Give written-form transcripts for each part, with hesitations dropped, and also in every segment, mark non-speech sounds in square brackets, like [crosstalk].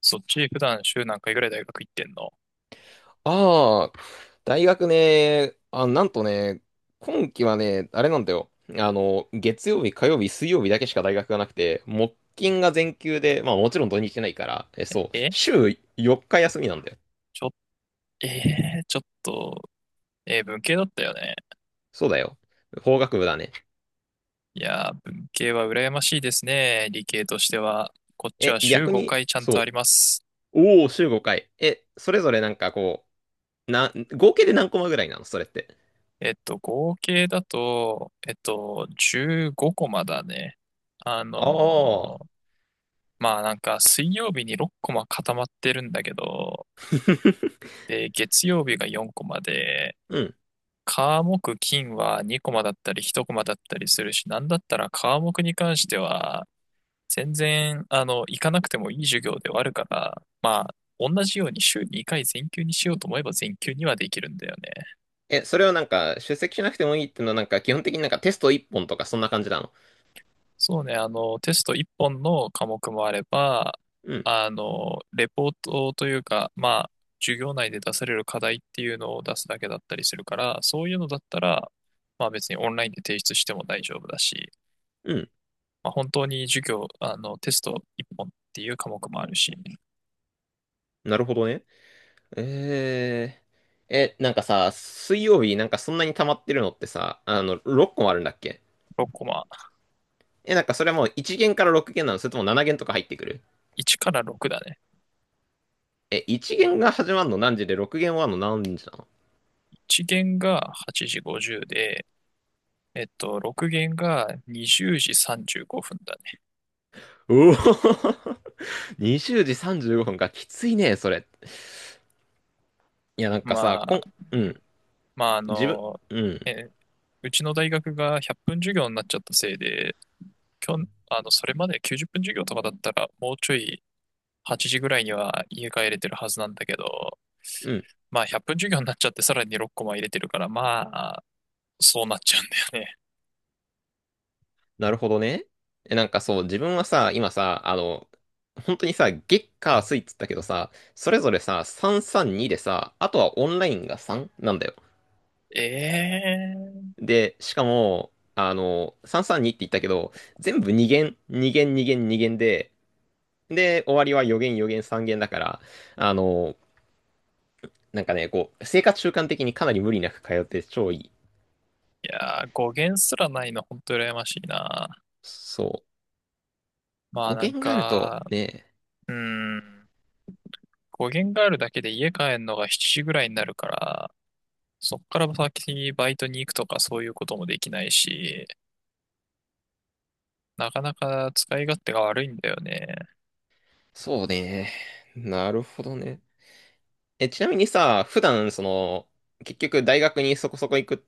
そっち普段週何回ぐらい大学行ってんの？ああ、大学ね、あ、なんとね、今期はね、あれなんだよ。月曜日、火曜日、水曜日だけしか大学がなくて、木金が全休で、まあもちろん土日ないから、そう、え週4日休みなんだよ。ちょ、えー、ちょっと、文系だったよね。そうだよ。法学部だね。いやー、文系は羨ましいですね。理系としては。こっちは週逆5に、回ちゃんとあそります。う、おお、週5回。それぞれなんかこう、合計で何コマぐらいなのそれって？合計だと、15コマだね。ああのあ。ーまあなんか水曜日に6コマ固まってるんだけど、[laughs] で、月曜日が4コマで、うん。科目金は2コマだったり1コマだったりするし、なんだったら科目に関しては、全然、行かなくてもいい授業ではあるから、まあ、同じように週2回全休にしようと思えば全休にはできるんだよね。それをなんか、出席しなくてもいいっていうのはなんか、基本的になんかテスト1本とかそんな感じなの？そうね、テスト1本の科目もあれば、レポートというか、まあ、授業内で出される課題っていうのを出すだけだったりするから、そういうのだったら、まあ別にオンラインで提出しても大丈夫だし、うん。まあ、本当に授業、テスト1本っていう科目もあるし、なるほどね。えなんかさ、水曜日なんかそんなに溜まってるのってさ、6個もあるんだっけ？6コマ、なんかそれはもう1限から6限なの？それとも7限とか入ってくる？1から6だね。1限が始まるの何時で6限終わるの何時なの？1限が8時50で、6限が20時35分だね。うおー。 [laughs] 20時35分か、きついね、それ。いや、なんかまさ、あ、うん、まあ、自分、うん、え、うちの大学が100分授業になっちゃったせいで、きょん、それまで90分授業とかだったら、もうちょい8時ぐらいには家帰れてるはずなんだけど、うん。まあ、100分授業になっちゃって、さらに6コマ入れてるから、あ、そうなっちゃうんだよね。なるほどね。なんかそう、自分はさ、今さ、本当にさ、月火水っつったけどさ、それぞれさ、332でさ、あとはオンラインが3なんだよ。ええ、で、しかも、332って言ったけど、全部2限、2限、2限、2限で、で、終わりは4限、4限、3限だから、あの、なんかね、こう、生活習慣的にかなり無理なく通って超いい。いやー、語源すらないの、ほんと羨ましいな。そう。まあ5なん限があると、か、ね、うん、語源があるだけで家帰るのが7時ぐらいになるから、そっから先にバイトに行くとかそういうこともできないし、なかなか使い勝手が悪いんだよね。そうね。なるほどね。ちなみにさ、普段、結局大学にそこそこ行くっ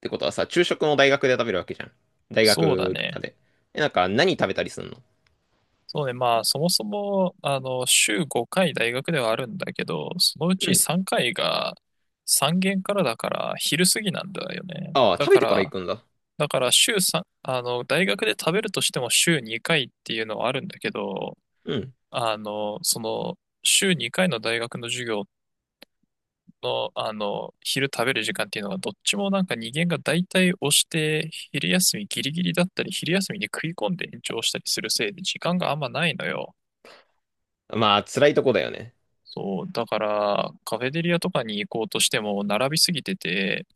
てことはさ、昼食も大学で食べるわけじゃん。大そうだ学ね。で。なんか何食べたりすんの？そうね、まあそもそも、週5回大学ではあるんだけど、そのううちん。3回が3限からだから昼過ぎなんだよね。ああ、だ食べかてから行ら、くんだ。だから週3、大学で食べるとしても週2回っていうのはあるんだけど、うん。週2回の大学の授業の、昼食べる時間っていうのがどっちもなんか人間が大体押して、昼休みギリギリだったり、昼休みに食い込んで延長したりするせいで時間があんまないのよ。まあ、辛いとこだよね。そう、だからカフェテリアとかに行こうとしても並びすぎてて、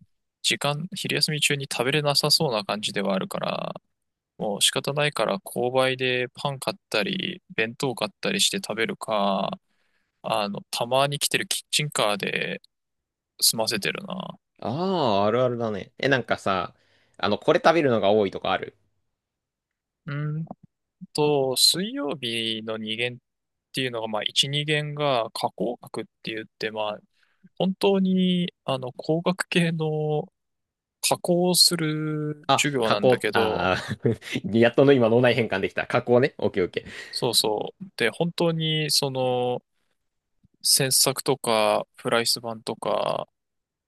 時間、昼休み中に食べれなさそうな感じではあるから、もう仕方ないから購買でパン買ったり、弁当買ったりして食べるか、たまに来てるキッチンカーで済ませてるな。ああ、あるあるだね。なんかさ、これ食べるのが多いとかある？うーん水曜日の2限っていうのが、まあ1、2限が加工学って言って、まあ本当に工学系の加工をするあ、授業加なんだ工、けど、ああ。 [laughs] やっとの今脳内変換できた。加工ね。オッケーオッケー。そうそう。で、本当にその、切削とか、フライス板とか、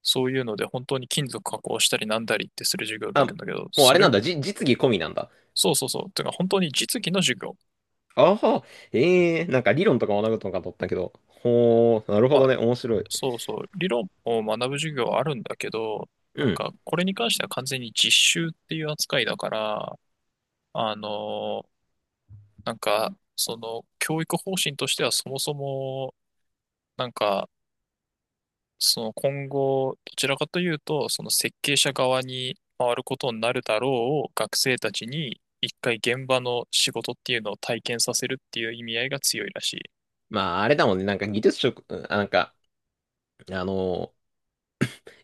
そういうので、本当に金属加工したりなんだりってする授業だあ、けもど、うあれなんだ。実技込みなんだ。そうそうそう。てか、本当に実技の授業。ああ、ええー、なんか理論とか学ぶとかと思ったけど。ほー、なるほまどあ、ね。面白い。そうそう。理論を学ぶ授業はあるんだけど、うなんん。か、これに関しては完全に実習っていう扱いだから、あの、教育方針としてはそもそも、なんか、その今後、どちらかというと、その設計者側に回ることになるだろうを学生たちに一回現場の仕事っていうのを体験させるっていう意味合いが強いらしい。まあ、あれだもんね。なんか技術職、うん、あ、なんか、あのー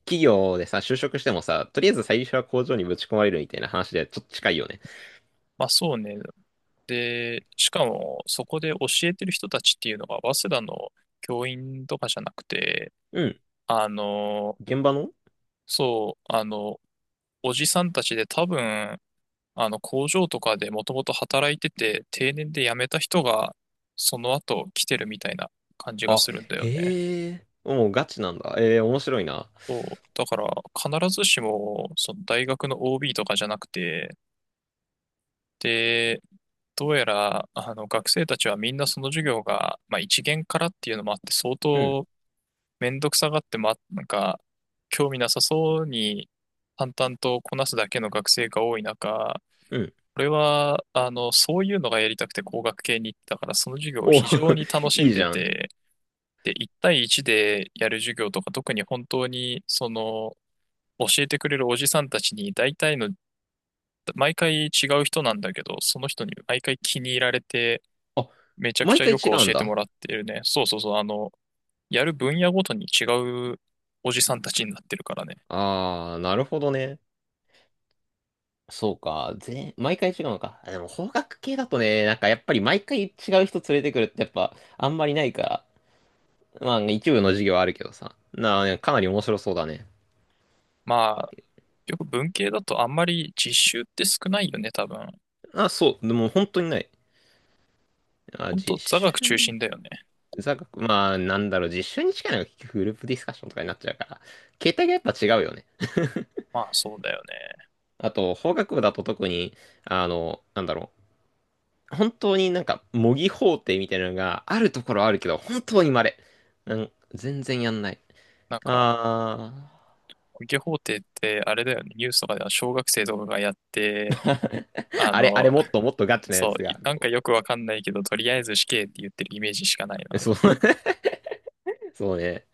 企業でさ、就職してもさ、とりあえず最初は工場にぶち込まれるみたいな話でちょっと近いよね。まあそうね。で、しかもそこで教えてる人たちっていうのが早稲田の教員とかじゃなくて、うん。あの、現場の。そう、あの、おじさんたちで多分あの工場とかでもともと働いてて定年で辞めた人がその後来てるみたいな感じがあ、するんだよね。へえ。もうガチなんだ。えー、面白いな。そう。だから必ずしもその大学の OB とかじゃなくて、で、どうやらあの学生たちはみんなその授業が、まあ、一限からっていうのもあって相うん。当めんどくさがって、なんか興味なさそうに淡々とこなすだけの学生が多い中、うん。これは、そういうのがやりたくて工学系に行ったから、その授業をお。 非常に楽 [laughs] しんいいじでゃん。て、で、1対1でやる授業とか、特に本当に、教えてくれるおじさんたちに、大体の、毎回違う人なんだけど、その人に毎回気に入られて、あ、めちゃく毎ちゃ回よ違くう教んえてもだ。らってるね。そうそうそう、やる分野ごとに違うおじさんたちになってるからね。あー、なるほどね。そうか。毎回違うのか。あ、でも、法学系だとね、なんかやっぱり毎回違う人連れてくるってやっぱ、あんまりないから。まあ、一部の授業はあるけどさ。なあ、かなり面白そうだね。まあ、よく文系だとあんまり実習って少ないよね、多分。あ、そう。でも本当にない。あ、本当実座学中心習、だよね。座学、まあ、なんだろう、実習に近いのが結局グループディスカッションとかになっちゃうから、形態がやっぱ違うよね。まあそうだよね。あと、法学部だと特に、なんだろう。本当になんか模擬法廷みたいなのがあるところはあるけど、本当に稀。うん、全然やんない。なんか、あー。受け法廷ってあれだよね。ニュースとかでは小学生とかがやって、[laughs] ああれ、あの、れもっ [laughs] ともっとガチなやそう、つが。なんかよくわかんないけど、とりあえず死刑って言ってるイメージしかないな。そう。[laughs] そうね。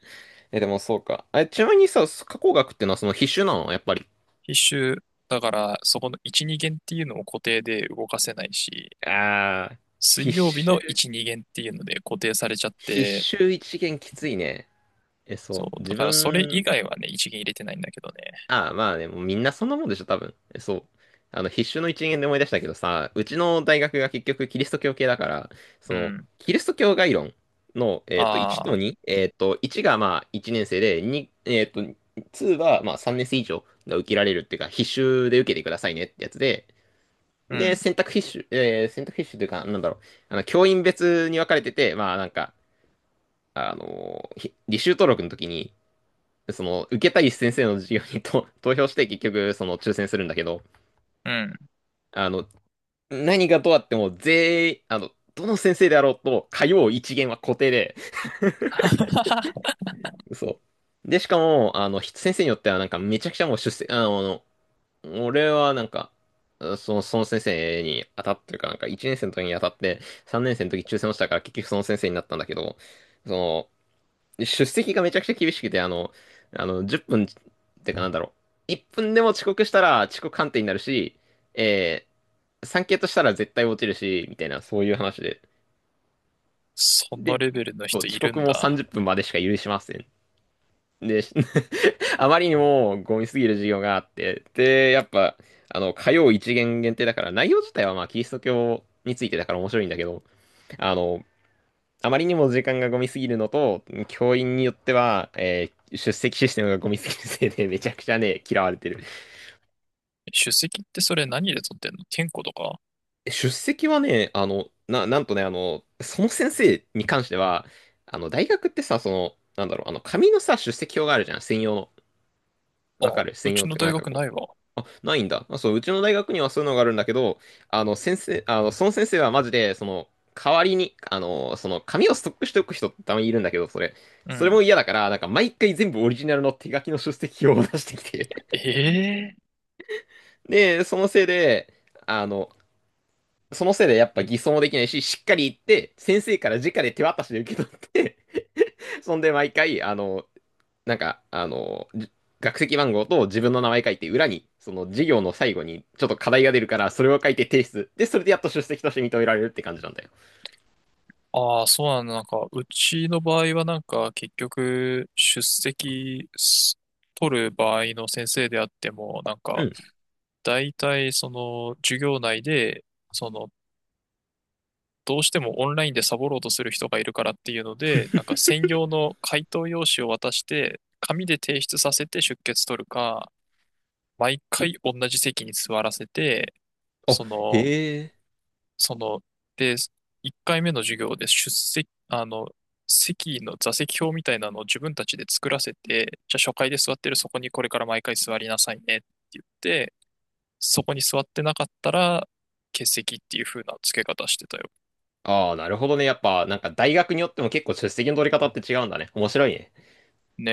でもそうか。あ、ちなみにさ、加工学ってのはその必修なのやっぱり？必修、だからそこの1、2限っていうのも固定で動かせないし、ああ、水必曜日の修、1、2限っていうので固定されちゃっ必て、修一限きついね。そそう。う、だ自からそれ以分、外はね、1限入れてないんだけどね。ああ、まあね、もうみんなそんなもんでしょ、多分。そう。必修の一限で思い出したけどさ、うちの大学が結局キリスト教系だから、うん。キリスト教概論の、1あとあ、2、1がまあ1年生で、2、えっと、2はまあ3年生以上が受けられるっていうか、必修で受けてくださいねってやつで、うで、ん、選択必修というか、なんだろう、教員別に分かれてて、まあなんか、あのーひ履修登録の時に、受けたい先生の授業にと [laughs] 投票して結局、抽選するんだけど、うん。あの、何がどうあっても全員、どの先生であろうと、通う一限は固定で、[laughs] そう。で、しかも、先生によってはなんかめちゃくちゃもう出席、俺はなんか、その先生に当たってるかなんか、1年生の時に当たって、3年生の時抽選落ちたから結局その先生になったんだけど、その、出席がめちゃくちゃ厳しくて、10分っぷんってかなんだろう。1分でも遅刻したら遅刻判定になるし、え3系としたら絶対落ちるし、みたいな、そういう話で。そのレベルのそう、人い遅る刻んもだ。30分までしか許しません。で、[laughs] あまりにもゴミすぎる授業があって、で、やっぱ、火曜一限限定だから、内容自体はまあ、キリスト教についてだから面白いんだけど、あの、あまりにも時間がゴミすぎるのと、教員によっては、出席システムがゴミすぎるせいで、めちゃくちゃね、嫌われてる。出席ってそれ何で取ってんの？健康とか？出席はね、なんとね、その先生に関しては、大学ってさ、なんだろう、紙のさ、出席表があるじゃん、専用の。あ、わかるう専用ちっのてな大んか学なこいう。わ。あ、ないんだ。あ、そう、うちの大学にはそういうのがあるんだけど、あの、先生、あの、その先生はマジで、代わりに、紙をストックしておく人ってたまにいるんだけど、それ。うそれん。も嫌だから、なんか毎回全部オリジナルの手書きの出席表を出してきて。ええ、 [laughs] で、そのせいで、あの、そのせいでやっぱ偽装もできないし、しっかり言って、先生から直で手渡しで受け取って、そんで毎回、なんか、あの、じ学籍番号と自分の名前書いて、裏に、その授業の最後にちょっと課題が出るから、それを書いて提出。で、それでやっと出席として認められるって感じなんだよ。ああー、そうなんだ。なんか、うちの場合はなんか、結局、出席す取る場合の先生であっても、なんうか、ん。大体、授業内で、その、どうしてもオンラインでサボろうとする人がいるからっていうので、なんか、専用の回答用紙を渡して、紙で提出させて出欠取るか、毎回同じ席に座らせて、あ、その、へえ。その、で、1回目の授業で出席、席の座席表みたいなのを自分たちで作らせて、じゃあ初回で座ってるそこにこれから毎回座りなさいねって言って、そこに座ってなかったら欠席っていう風な付け方してたよ。ああ、なるほどね。やっぱ、なんか大学によっても結構出席の取り方って違うんだね。面白いね。ね。